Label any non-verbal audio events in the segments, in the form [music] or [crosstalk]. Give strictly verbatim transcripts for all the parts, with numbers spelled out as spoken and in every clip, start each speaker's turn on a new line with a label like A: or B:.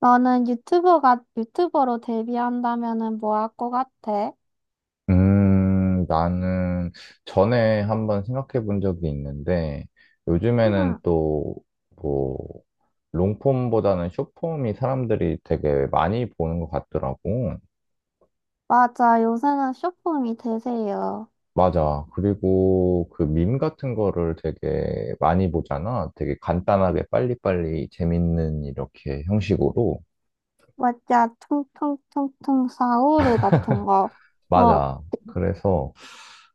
A: 너는 유튜버가, 유튜버로 데뷔한다면은 뭐 할 것 같아?
B: 음, 나는 전에 한번 생각해 본 적이 있는데,
A: 응,
B: 요즘에는 또, 뭐, 롱폼보다는 숏폼이 사람들이 되게 많이 보는 것 같더라고.
A: 맞아. 요새는 쇼폼이 대세예요.
B: 맞아. 그리고 그 밈 같은 거를 되게 많이 보잖아. 되게 간단하게 빨리빨리 재밌는 이렇게 형식으로.
A: 맞아. 퉁퉁퉁퉁 사우르 같은 거. 어,
B: 맞아. 그래서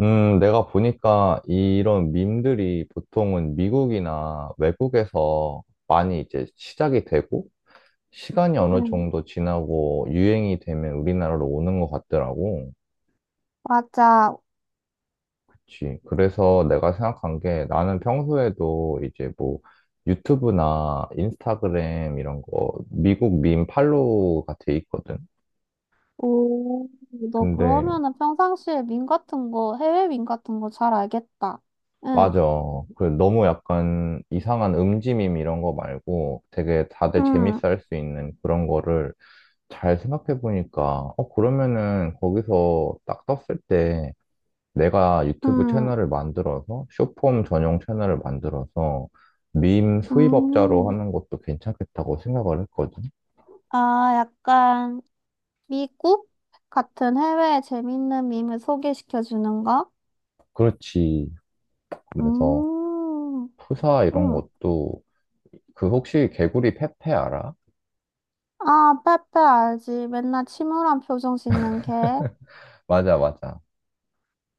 B: 음, 내가 보니까 이런 밈들이 보통은 미국이나 외국에서 많이 이제 시작이 되고, 시간이 어느
A: 응,
B: 정도 지나고 유행이 되면 우리나라로 오는 것 같더라고.
A: 맞아.
B: 그치. 그래서 내가 생각한 게 나는 평소에도 이제 뭐 유튜브나 인스타그램 이런 거 미국 밈 팔로우가 돼 있거든.
A: 오, 너
B: 근데
A: 그러면은 평상시에 밈 같은 거, 해외 밈 같은 거 잘 알겠다. 응,
B: 맞아. 그 너무 약간 이상한 음지밈 이런 거 말고 되게 다들
A: 응,
B: 재밌어 할 수 있는 그런 거를 잘 생각해 보니까 어 그러면은 거기서 딱 떴을 때 내가 유튜브
A: 응,
B: 채널을 만들어서 쇼폼 전용 채널을 만들어서 밈 수입업자로
A: 음.
B: 하는 것도 괜찮겠다고 생각을 했거든.
A: 아, 약간 미국 같은 해외에 재밌는 밈을 소개시켜 주는 거?
B: 그렇지. 그래서
A: 음,
B: 프사 이런
A: 음.
B: 것도 그 혹시 개구리 페페 알아?
A: 아, 빼빼 알지. 맨날 침울한 표정 짓는 걔.
B: 맞아, 맞아.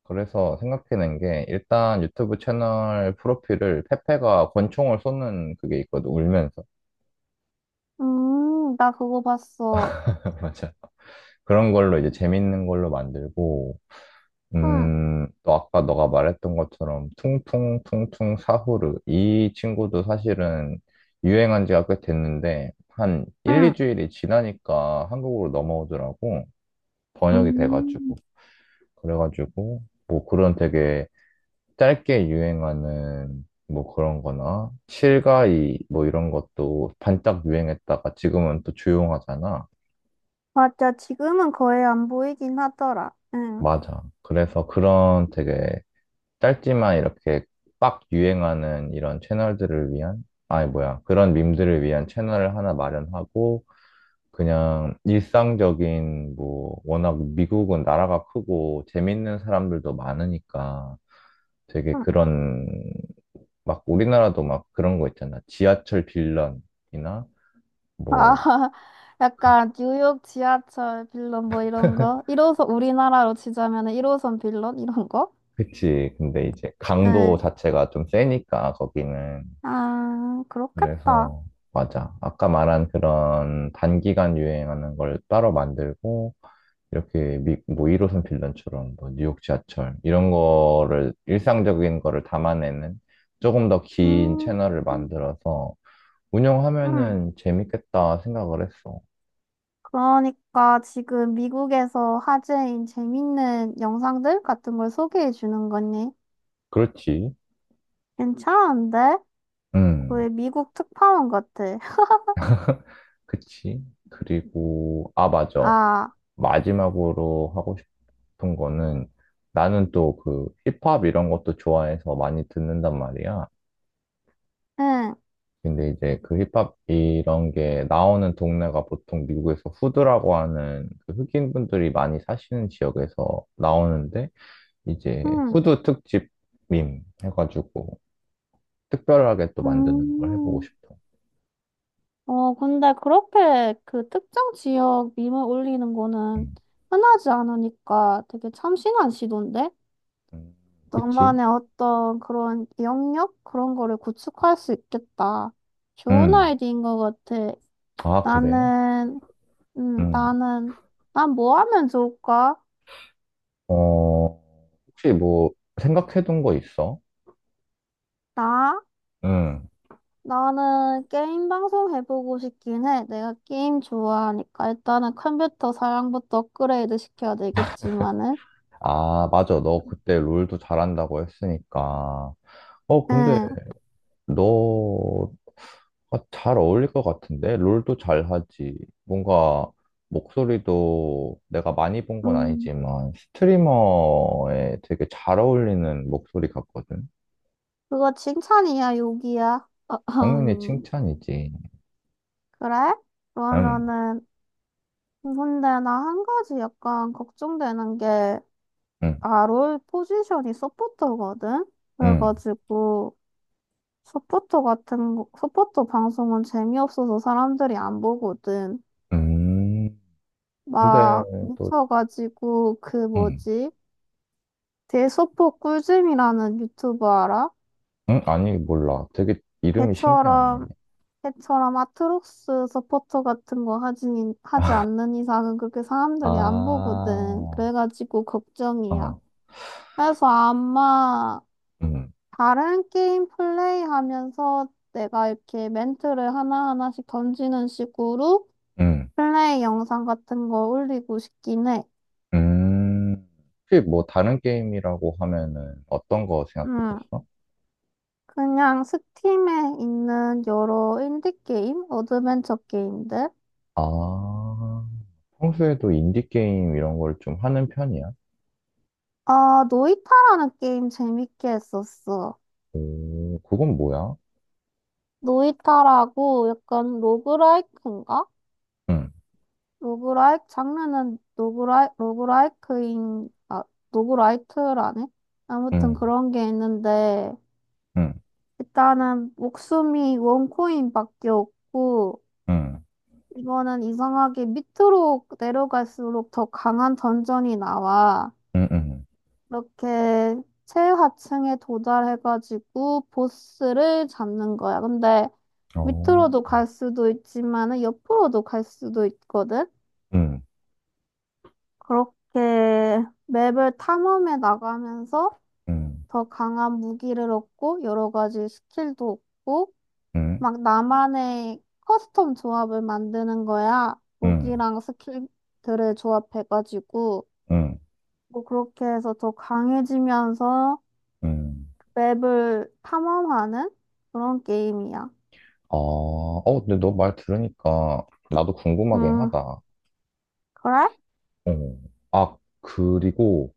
B: 그래서 생각해낸 게 일단 유튜브 채널 프로필을 페페가 권총을 쏘는 그게 있거든, 울면서.
A: 음, 나 그거 봤어.
B: [laughs] 맞아. 그런 걸로 이제 재밌는 걸로 만들고
A: 응,
B: 음, 또 아까 너가 말했던 것처럼 퉁퉁퉁퉁 사후르 이 친구도 사실은 유행한 지가 꽤 됐는데 한 일,
A: 응,
B: 이 주일이 지나니까 한국으로 넘어오더라고. 번역이 돼가지고.
A: 음.
B: 그래가지고 뭐 그런 되게 짧게 유행하는 뭐 그런 거나 실가이 뭐 이런 것도 반짝 유행했다가 지금은 또 조용하잖아.
A: 맞아, 지금은 거의 안 보이긴 하더라. 응,
B: 맞아. 그래서 그런 되게 짧지만 이렇게 빡 유행하는 이런 채널들을 위한, 아니 뭐야, 그런 밈들을 위한 채널을 하나 마련하고 그냥 일상적인 뭐 워낙 미국은 나라가 크고 재밌는 사람들도 많으니까 되게
A: 응.
B: 그런, 막 우리나라도 막 그런 거 있잖아. 지하철 빌런이나
A: 아,
B: 뭐,
A: [laughs] 약간 뉴욕 지하철 빌런 뭐 이런 거? 일 호선, 우리나라로 치자면 일 호선 빌런 이런 거?
B: 그치. 근데 이제
A: 응.
B: 강도 자체가 좀 세니까 거기는.
A: 아, 그렇겠다.
B: 그래서 맞아. 아까 말한 그런 단기간 유행하는 걸 따로 만들고 이렇게 미, 뭐 일 호선 빌런처럼 뭐 뉴욕 지하철 이런 거를 일상적인 거를 담아내는 조금 더 긴
A: 음,
B: 채널을 만들어서
A: 응.
B: 운영하면은 재밌겠다 생각을 했어.
A: 그러니까 지금 미국에서 화제인 재밌는 영상들 같은 걸 소개해 주는 거니?
B: 그렇지.
A: 괜찮은데?
B: 음.
A: 거의 미국 특파원 같아. [laughs]
B: 그치? 그리고, 아, 맞아.
A: 아,
B: 마지막으로 하고 싶은 거는 나는 또 그 힙합 이런 것도 좋아해서 많이 듣는단 말이야.
A: 응,
B: 근데 이제 그 힙합 이런 게 나오는 동네가 보통 미국에서 후드라고 하는 그 흑인분들이 많이 사시는 지역에서 나오는데 이제
A: 응,
B: 후드 특집 밈 해가지고 특별하게 또 만드는 걸 해보고
A: 음.
B: 싶어.
A: 어, 근데 그렇게 그 특정 지역 밈을 올리는 거는
B: 음.
A: 흔하지 않으니까 되게 참신한 시도인데?
B: 음, 그치?
A: 너만의 어떤 그런 영역? 그런 거를 구축할 수 있겠다. 좋은
B: 음.
A: 아이디어인 것 같아.
B: 아, 그래?
A: 나는 음,
B: 음.
A: 나는, 난 뭐 하면 좋을까?
B: 어, 혹시 뭐 생각해둔 거 있어?
A: 나?
B: 응,
A: 나는 게임 방송 해보고 싶긴 해. 내가 게임 좋아하니까. 일단은 컴퓨터 사양부터 업그레이드 시켜야 되겠지만은.
B: 아, 맞아. 너 그때 롤도 잘한다고 했으니까. 어, 근데
A: 응,
B: 너가 잘 어울릴 것 같은데? 롤도 잘하지. 뭔가 목소리도 내가 많이 본 건
A: 음,
B: 아니지만 스트리머에 되게 잘 어울리는 목소리 같거든.
A: 그거 칭찬이야, 욕이야? [laughs]
B: 당연히
A: 어흠.
B: 칭찬이지.
A: 그래?
B: 응,
A: 그러면은, 근데 나 한 가지 약간 걱정되는 게,
B: 응,
A: 아, 롤 포지션이 서포터거든?
B: 응.
A: 그래가지고, 서포터 같은 거, 서포터 방송은 재미없어서 사람들이 안 보거든.
B: 음, 근데
A: 막
B: 또,
A: 미쳐가지고 그
B: 응.
A: 뭐지? 대소포 꿀잼이라는 유튜버 알아?
B: 응? 아니, 몰라. 되게 이름이 신기하네.
A: 걔처럼 걔처럼 아트록스 서포터 같은 거 하지 하지 않는 이상은 그렇게 사람들이 안
B: 아,
A: 보거든. 그래가지고 걱정이야.
B: 어,
A: 그래서 아마
B: 음,
A: 다른 게임 플레이하면서 내가 이렇게 멘트를 하나하나씩 던지는 식으로
B: 음,
A: 플레이 영상 같은 거 올리고 싶긴 해.
B: 음. 혹시 뭐 다른 게임이라고 하면은 어떤 거
A: 음,
B: 생각해뒀어?
A: 그냥 스팀에 있는 여러 인디 게임, 어드벤처 게임들.
B: 아, 평소에도 인디게임 이런 걸 좀 하는 편이야?
A: 아, 노이타라는 게임 재밌게 했었어.
B: 오, 그건 뭐야?
A: 노이타라고 약간 로그라이크인가?
B: 응,
A: 로그라이크 장르는 로그라이 로그라이크인 아 로그라이트라네. 아무튼
B: 응,
A: 그런 게 있는데
B: 응,
A: 일단은 목숨이 원코인밖에 없고.
B: 응,
A: 이거는 이상하게 밑으로 내려갈수록 더 강한 던전이 나와.
B: 응, 응.
A: 이렇게 최하층에 도달해가지고 보스를 잡는 거야. 근데
B: 어,
A: 밑으로도 갈 수도 있지만은 옆으로도 갈 수도 있거든.
B: 응,
A: 그렇게 맵을 탐험해 나가면서
B: 응,
A: 더 강한 무기를 얻고 여러 가지 스킬도 얻고
B: 응,
A: 막 나만의 커스텀 조합을 만드는 거야.
B: 응,
A: 무기랑 스킬들을 조합해가지고,
B: 응,
A: 뭐 그렇게 해서 더 강해지면서
B: 응.
A: 맵을 탐험하는 그런 게임이야.
B: 아, 어, 근데 너 말 들으니까 나도 궁금하긴
A: 음,
B: 하다.
A: 그래?
B: 어. 아, 그리고,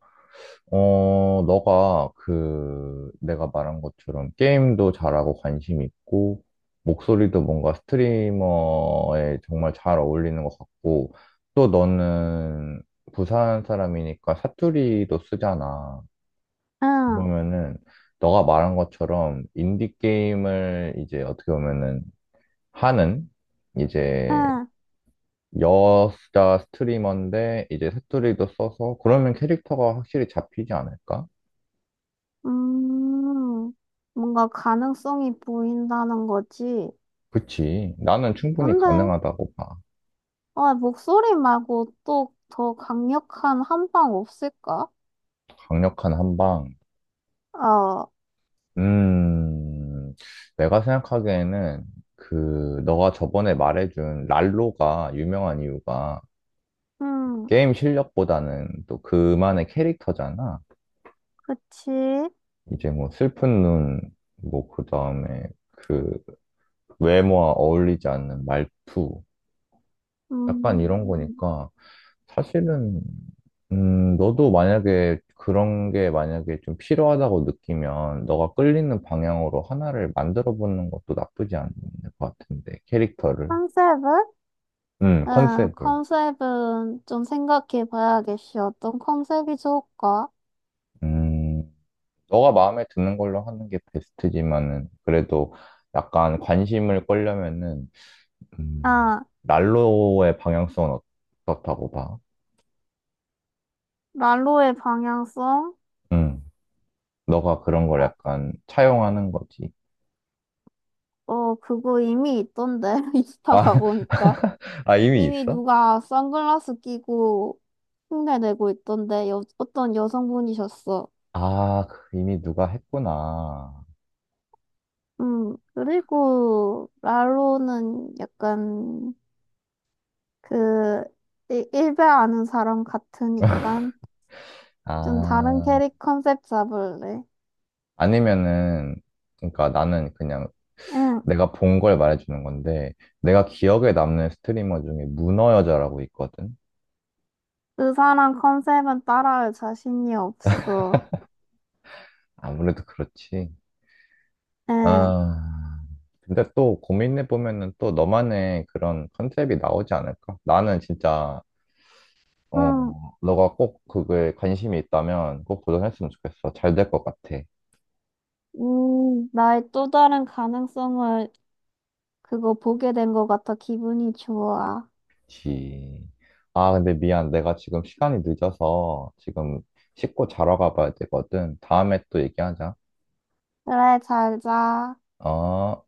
B: 어, 너가 그, 내가 말한 것처럼 게임도 잘하고 관심 있고, 목소리도 뭔가 스트리머에 정말 잘 어울리는 것 같고, 또 너는 부산 사람이니까 사투리도 쓰잖아.
A: 응,
B: 그러면은, 너가 말한 것처럼 인디게임을 이제 어떻게 보면은 하는, 이제
A: 응,
B: 여자 스트리머인데 이제 새투리도 써서 그러면 캐릭터가 확실히 잡히지 않을까?
A: 음, 뭔가 가능성이 보인다는 거지.
B: 그치. 나는 충분히
A: 근데,
B: 가능하다고 봐.
A: 아, 목소리 말고 또 더 강력한 한방 없을까?
B: 강력한 한방.
A: 어,
B: 음, 내가 생각하기에는 그 너가 저번에 말해준 랄로가 유명한 이유가
A: 음,
B: 게임 실력보다는 또 그만의 캐릭터잖아.
A: 그치.
B: 이제 뭐 슬픈 눈, 뭐 그다음에 그 외모와 어울리지 않는 말투, 약간 이런
A: 음.
B: 거니까. 사실은, 음, 너도 만약에 그런 게 만약에 좀 필요하다고 느끼면 너가 끌리는 방향으로 하나를 만들어 보는 것도 나쁘지 않은 것 같은데, 캐릭터를.
A: 컨셉을?
B: 음,
A: 응,
B: 컨셉을.
A: 컨셉은 좀 생각해 봐야겠어. 어떤 컨셉이 좋을까?
B: 음, 너가 마음에 드는 걸로 하는 게 베스트지만은, 그래도 약간 관심을 끌려면은, 음,
A: 아,
B: 난로의 방향성은 어, 어떻다고 봐?
A: 난로의 방향성?
B: 음, 너가 그런 걸
A: 아,
B: 약간 차용하는 거지.
A: 어, 그거 이미 있던데. [laughs] 인스타
B: 아,
A: 가보니까.
B: [laughs] 아, 이미
A: 이미
B: 있어?
A: 누가 선글라스 끼고 흉내내고 있던데. 여, 어떤 여성분이셨어.
B: 아, 그 이미 누가 했구나.
A: 음, 그리고 랄로는 약간 그 일- 일배 아는 사람 같으니까 좀 다른
B: 아,
A: 캐릭 컨셉 잡을래.
B: 아니면은, 그러니까 나는 그냥
A: 응.
B: 내가 본 걸 말해주는 건데, 내가 기억에 남는 스트리머 중에 문어 여자라고 있거든?
A: 의사랑 컨셉은 따라할 자신이 없어.
B: 아무래도 그렇지.
A: 에,
B: 아, 근데 또 고민해보면은 또 너만의 그런 컨셉이 나오지 않을까? 나는 진짜, 어,
A: 응,
B: 너가 꼭 그거에 관심이 있다면 꼭 도전했으면 좋겠어. 잘 될 것 같아.
A: 음, 나의 또 다른 가능성을 그거 보게 된 것 같아 기분이 좋아.
B: 그치. 아, 근데 미안. 내가 지금 시간이 늦어서 지금 씻고 자러 가봐야 되거든. 다음에 또 얘기하자.
A: 그래, 잘 자.
B: 어.